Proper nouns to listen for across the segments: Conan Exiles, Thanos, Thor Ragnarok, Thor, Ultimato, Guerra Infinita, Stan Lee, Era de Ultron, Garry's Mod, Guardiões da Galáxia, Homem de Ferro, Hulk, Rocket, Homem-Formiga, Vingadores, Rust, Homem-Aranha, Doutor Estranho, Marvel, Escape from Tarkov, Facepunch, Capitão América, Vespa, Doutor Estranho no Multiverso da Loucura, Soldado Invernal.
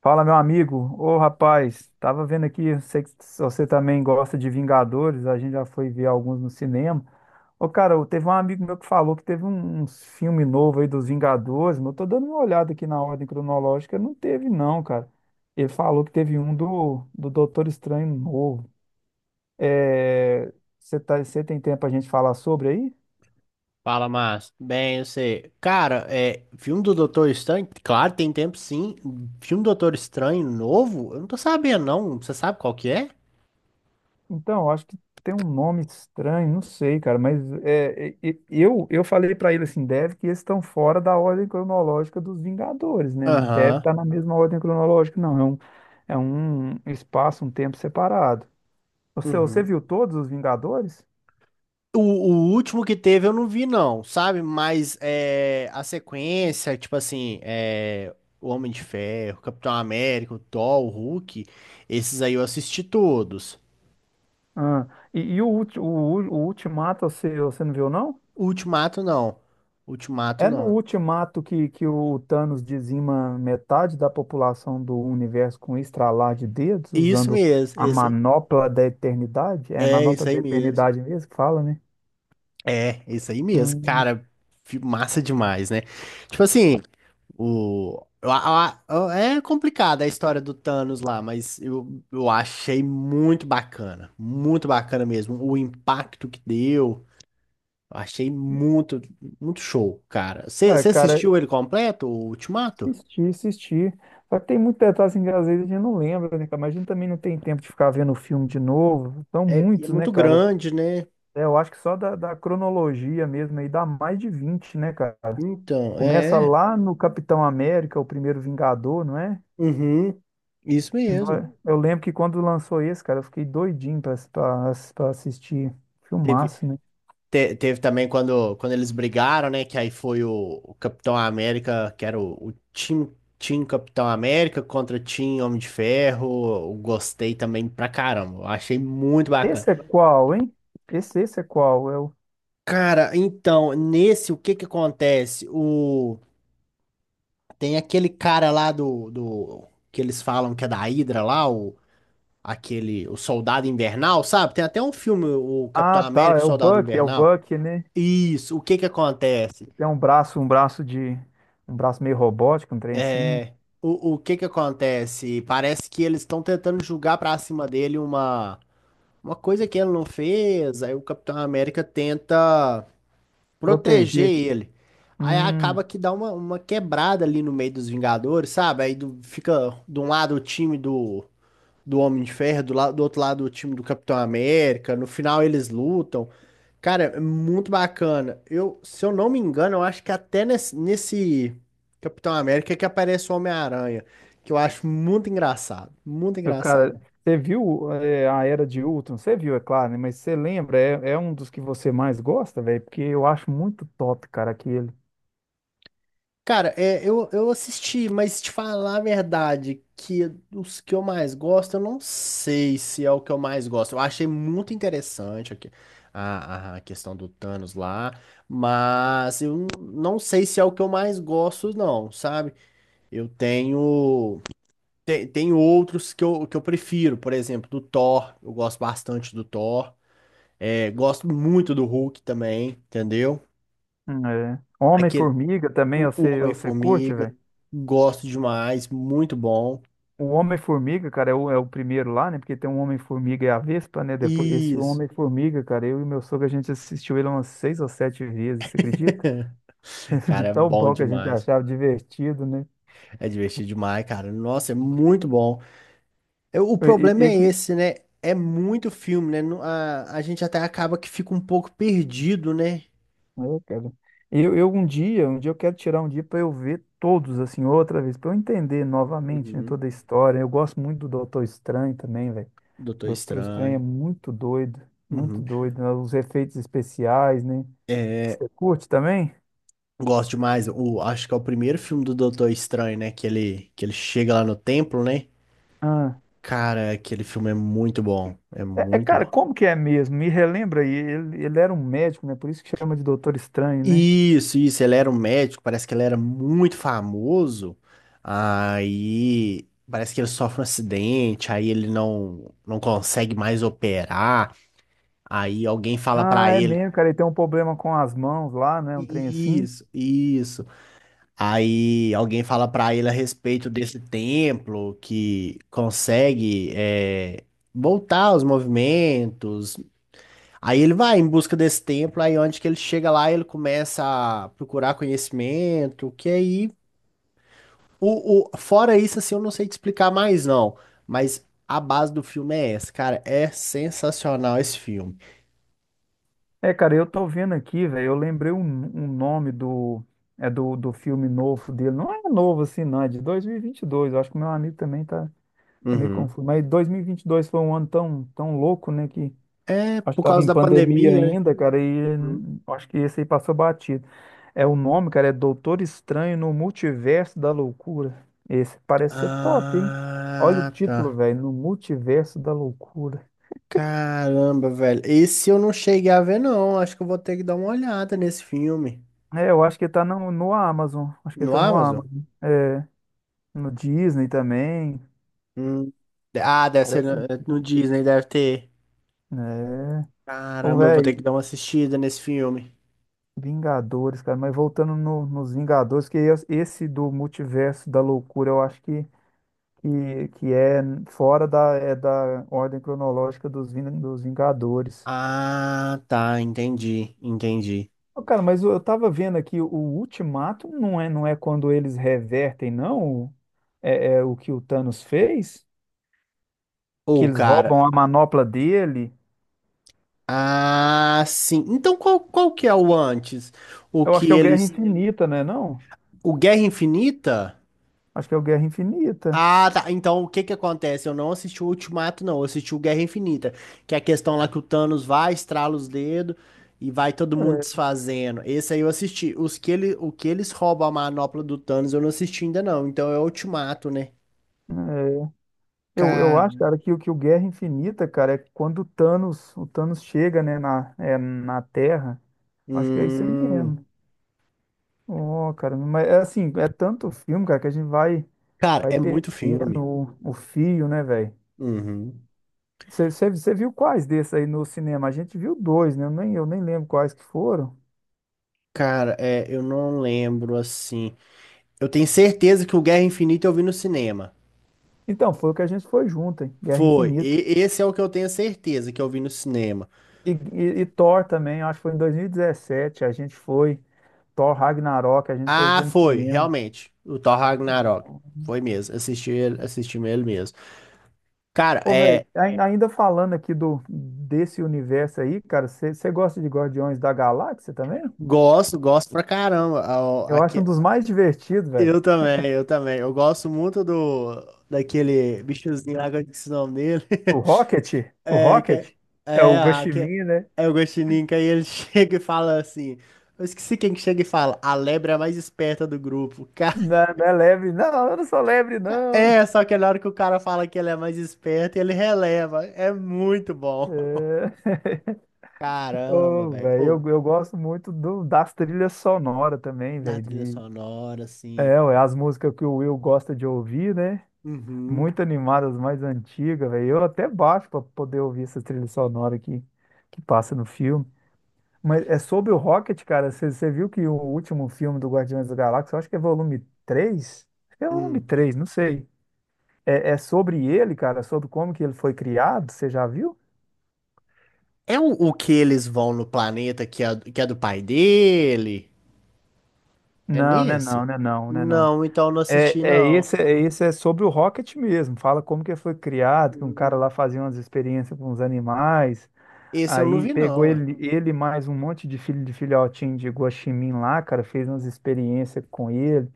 Fala, meu amigo. Ô, rapaz, tava vendo aqui, eu sei que você também gosta de Vingadores, a gente já foi ver alguns no cinema. Ô, cara, teve um amigo meu que falou que teve uns filme novo aí dos Vingadores, mas eu tô dando uma olhada aqui na ordem cronológica, não teve não, cara. Ele falou que teve um do Doutor Estranho novo. É, você tem tempo pra gente falar sobre aí? Fala, Márcio. Bem, você. Cara, é. Filme do Doutor Estranho? Claro, tem tempo sim. Filme do Doutor Estranho novo? Eu não tô sabendo, não. Você sabe qual que é? Então, acho que tem um nome estranho, não sei, cara, mas é, eu falei pra ele assim, deve que eles estão fora da ordem cronológica dos Vingadores, né? Não deve Aham. estar na mesma ordem cronológica, não. É um espaço, um tempo separado. Você Uhum. viu todos os Vingadores? O último que teve eu não vi, não, sabe? Mas é, a sequência, tipo assim, é, o Homem de Ferro, Capitão América, o Thor, o Hulk, esses aí eu assisti todos. Ah, e o Ultimato, você não viu, não? O Ultimato, não. Ultimato, É no não. Ultimato que o Thanos dizima metade da população do universo com um estralar de dedos, Isso usando mesmo, a esse. manopla da eternidade? É É manopla isso aí da mesmo. eternidade mesmo que fala, né? É, isso aí mesmo, Hum. cara, massa demais, né? Tipo assim, o, a- é complicada a história do Thanos lá, mas eu achei muito bacana mesmo, o impacto que deu, eu achei muito, muito show, cara. Você Ah, cara, assistiu ele completo, o Ultimato? assisti, assisti. Só que tem muito detalhe assim, que às vezes a gente não lembra, né, cara? Mas a gente também não tem tempo de ficar vendo o filme de novo. São É, é muitos, né, muito cara? grande, né? É, eu acho que só da cronologia mesmo aí dá mais de 20, né, cara? Então, Começa é, lá no Capitão América, o primeiro Vingador, não é? uhum, isso mesmo. Eu lembro que quando lançou esse, cara, eu fiquei doidinho pra assistir. Teve, Filmaço, né? Teve também quando, quando eles brigaram, né? Que aí foi o Capitão América, que era o Team, Team Capitão América contra Team Homem de Ferro. Eu gostei também pra caramba. Eu achei muito bacana. Esse é qual, hein? Esse é qual? Cara, então, nesse, o que que acontece? O, tem aquele cara lá do... Que eles falam que é da Hydra lá, o, aquele... O Soldado Invernal, sabe? Tem até um filme, o Capitão Ah, tá, América e o Soldado é o Invernal. Buck, né? Isso, o que que acontece? Tem um braço, um braço meio robótico, um trem assim, né? É, o que que acontece? Parece que eles estão tentando julgar pra cima dele uma coisa que ele não fez. Aí o Capitão América tenta proteger Proteger. ele. Aí acaba Hum, que dá uma quebrada ali no meio dos Vingadores, sabe? Fica de um lado o time do, do Homem de Ferro, do outro lado o time do Capitão América, no final eles lutam. Cara, é muito bacana. Eu, se eu não me engano, eu acho que até nesse, nesse Capitão América é que aparece o Homem-Aranha, que eu acho muito engraçado, muito cara, engraçado. você viu a Era de Ultron? Você viu, é claro, né? Mas você lembra? É um dos que você mais gosta, velho? Porque eu acho muito top, cara, aquele. Cara, é, eu assisti, mas te falar a verdade, que os que eu mais gosto, eu não sei se é o que eu mais gosto. Eu achei muito interessante aqui a questão do Thanos lá, mas eu não sei se é o que eu mais gosto, não, sabe? Eu tenho. Tem, tem outros que que eu prefiro, por exemplo, do Thor. Eu gosto bastante do Thor. É, gosto muito do Hulk também, entendeu? Hum. É. Homem-Formiga também, O você curte, Homem-Formiga. velho? Gosto demais. Muito bom. O Homem-Formiga, cara, é o primeiro lá, né? Porque tem um Homem-Formiga e a Vespa, né? Depois, esse Isso. Homem-Formiga, cara, eu e meu sogro, a gente assistiu ele umas seis ou sete vezes, você acredita? De Cara, é tão bom bom que a gente demais. achava divertido, né? É divertido demais, cara. Nossa, é muito bom. Eu- o E, e, problema e é esse, né? É muito filme, né? Não- A, a gente até acaba que fica um pouco perdido, né? Cara, eu um dia eu quero tirar um dia pra eu ver todos, assim, outra vez, pra eu entender novamente, né, Uhum. toda a história. Eu gosto muito do Doutor Estranho também, velho. Doutor Doutor Estranho é Estranho. muito doido, muito Uhum. doido, né? Os efeitos especiais, né? É, Você curte também? gosto demais. O, acho que é o primeiro filme do Doutor Estranho, né? Que ele chega lá no templo, né? Ah. Cara, aquele filme é muito bom. É É, muito cara, bom. como que é mesmo? Me relembra aí, ele era um médico, né? Por isso que chama de Doutor Estranho, né? Isso, ele era um médico, parece que ele era muito famoso. Aí parece que ele sofre um acidente, aí ele não consegue mais operar. Aí alguém fala Ah, pra é ele, mesmo, cara, ele tem um problema com as mãos lá, né? Um trem assim. isso, isso. Aí alguém fala pra ele a respeito desse templo que consegue é, voltar aos movimentos. Aí ele vai em busca desse templo, aí onde que ele chega lá, ele começa a procurar conhecimento, que aí fora isso, assim, eu não sei te explicar mais, não. Mas a base do filme é essa, cara. É sensacional esse filme. É, cara, eu tô vendo aqui, velho, eu lembrei um nome do filme novo dele. Não é novo assim, não, é de 2022. Eu acho que o meu amigo também tá meio Uhum. confuso. Mas dois mil e vinte e dois foi um ano tão, tão louco, né? Que É Acho que por tava causa em da pandemia pandemia, né? ainda, cara, e Hum. Acho que esse aí passou batido. É o nome, cara, é Doutor Estranho no Multiverso da Loucura. Esse parece ser top, hein? Olha o Ah, título, tá. velho, No Multiverso da Loucura. Caramba, velho. Esse eu não cheguei a ver, não. Acho que eu vou ter que dar uma olhada nesse filme. É, eu acho que tá no Amazon. Acho que No tá no Amazon? Amazon. É, no Disney também. Hum. Ah, deve ser Parece. no Disney, deve ter. É. Ô, Caramba, eu vou ter que velho, dar uma assistida nesse filme. Vingadores, cara, mas voltando nos Vingadores, que esse do Multiverso da Loucura, eu acho que é fora é da ordem cronológica dos Vingadores. Ah, tá. Entendi, entendi. Ô, Cara, mas eu tava vendo aqui, o Ultimato não é, não é quando eles revertem, não? É o que o Thanos fez? Que Ô, eles cara. roubam a manopla dele? Ah, sim. Então qual, qual que é o antes? O Eu acho que que é o Guerra eles. Infinita, né? Não? O Guerra Infinita? Acho que é o Guerra Infinita. Ah, tá. Então o que que acontece? Eu não assisti o Ultimato, não. Eu assisti o Guerra Infinita. Que é a questão lá que o Thanos vai, estrala os dedos e vai todo mundo desfazendo. Esse aí eu assisti. Os que ele, o que eles roubam a manopla do Thanos eu não assisti ainda, não. Então é o Ultimato, né? Eu acho, Cara. cara, que o Guerra Infinita, cara, é quando o Thanos chega, né, na Terra. Acho que é isso aí Hum. mesmo. Oh, cara, mas é assim, é tanto filme, cara, que a gente vai, Cara, vai é muito perdendo filme. o fio, né, velho? Uhum. Você viu quais desses aí no cinema? A gente viu dois, né? Eu nem lembro quais que foram. Cara, é, eu não lembro assim. Eu tenho certeza que o Guerra Infinita eu vi no cinema. Então, foi o que a gente foi junto, hein? Guerra Foi. Infinita. Esse é o que eu tenho certeza que eu vi no cinema. E Thor também, eu acho que foi em 2017, a gente foi. Thor Ragnarok, a gente foi Ah, ver no foi, cinema. realmente. O Thor Ragnarok. Foi mesmo. Assisti ele mesmo. Cara, Ô, velho, é. Ainda falando aqui desse universo aí, cara, você gosta de Guardiões da Galáxia também? Gosto, gosto pra caramba. Eu acho um Aqui, dos mais divertidos, velho. eu também. Eu gosto muito do daquele bichozinho lá, que eu esqueci o nome dele. O Rocket? O É, que, Rocket? É é, o Ho a- Chi que, Minh, né? é o Guaxinim, que aí ele chega e fala assim. Eu esqueci quem que chega e fala, a lebre é a mais esperta do grupo. Não, não é lebre, não, eu não sou lebre, não. É, só que na hora que o cara fala que ele é mais esperto, ele releva. É muito bom. É. Caramba, Ô, velho. velho, Ou eu gosto muito das trilhas sonoras também, na velho. trilha sonora, assim. É, ué, as músicas que o Will gosta de ouvir, né? Uhum. Muito animadas, mais antigas, velho. Eu até baixo pra poder ouvir essas trilhas sonoras que passa no filme. Mas é sobre o Rocket, cara. Você viu que o último filme do Guardiões da Galáxia, eu acho que é volume 3. Acho que é volume Hum. 3, não sei. É sobre ele, cara, sobre como que ele foi criado, você já viu? É o que eles vão no planeta que é do pai dele? É Não, né, nesse? não, né, não, né, não. Não, então eu não É, assisti, é não. esse, é sobre o Rocket mesmo. Fala como que ele foi criado, que um cara Hum. lá fazia umas experiências com os animais, Esse eu não aí vi, pegou não. Ué. ele, ele mais um monte de filhotinho de guaxinim lá, cara, fez umas experiências com ele.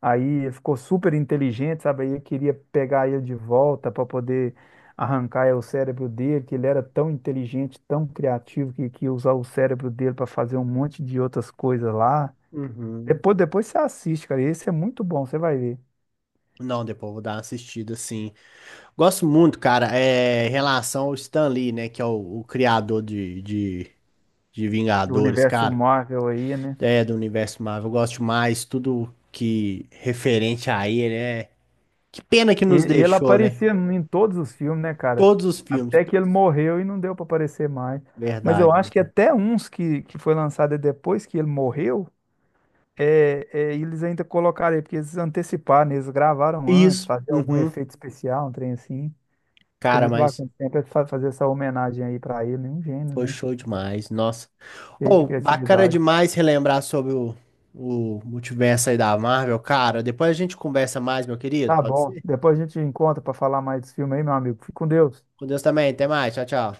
Aí ele ficou super inteligente, sabe? Aí eu queria pegar ele de volta para poder arrancar o cérebro dele, que ele era tão inteligente, tão criativo, que ia usar o cérebro dele para fazer um monte de outras coisas lá. Uhum. Depois, depois você assiste, cara. Esse é muito bom, você vai ver. Não, depois eu vou dar uma assistida, sim. Gosto muito, cara, é em relação ao Stan Lee, né? Que é o criador de Do Vingadores, universo cara. Marvel aí, né? É, do universo Marvel. Eu gosto mais tudo que referente a ele, né? Que pena que E, nos e ele deixou, né? aparecia em todos os filmes, né, cara? Todos os filmes, Até que ele todos. morreu e não deu para aparecer mais. Mas eu Verdade, né? acho que até uns que foi lançado depois que ele morreu. É, e eles ainda colocaram aí, porque eles anteciparam, né, eles gravaram antes, Isso, fazer algum uhum. efeito especial, um trem assim. Ficou Cara, muito mas bacana. Sempre fazer essa homenagem aí pra ele, um gênio, foi né? show demais, nossa. Cheio de Oh, bacana criatividade. demais relembrar sobre o multiverso aí da Marvel, cara. Depois a gente conversa mais, meu querido, Tá pode bom, ser? depois a gente encontra pra falar mais desse filme aí, meu amigo. Fique com Deus. Com Deus também, até mais, tchau, tchau.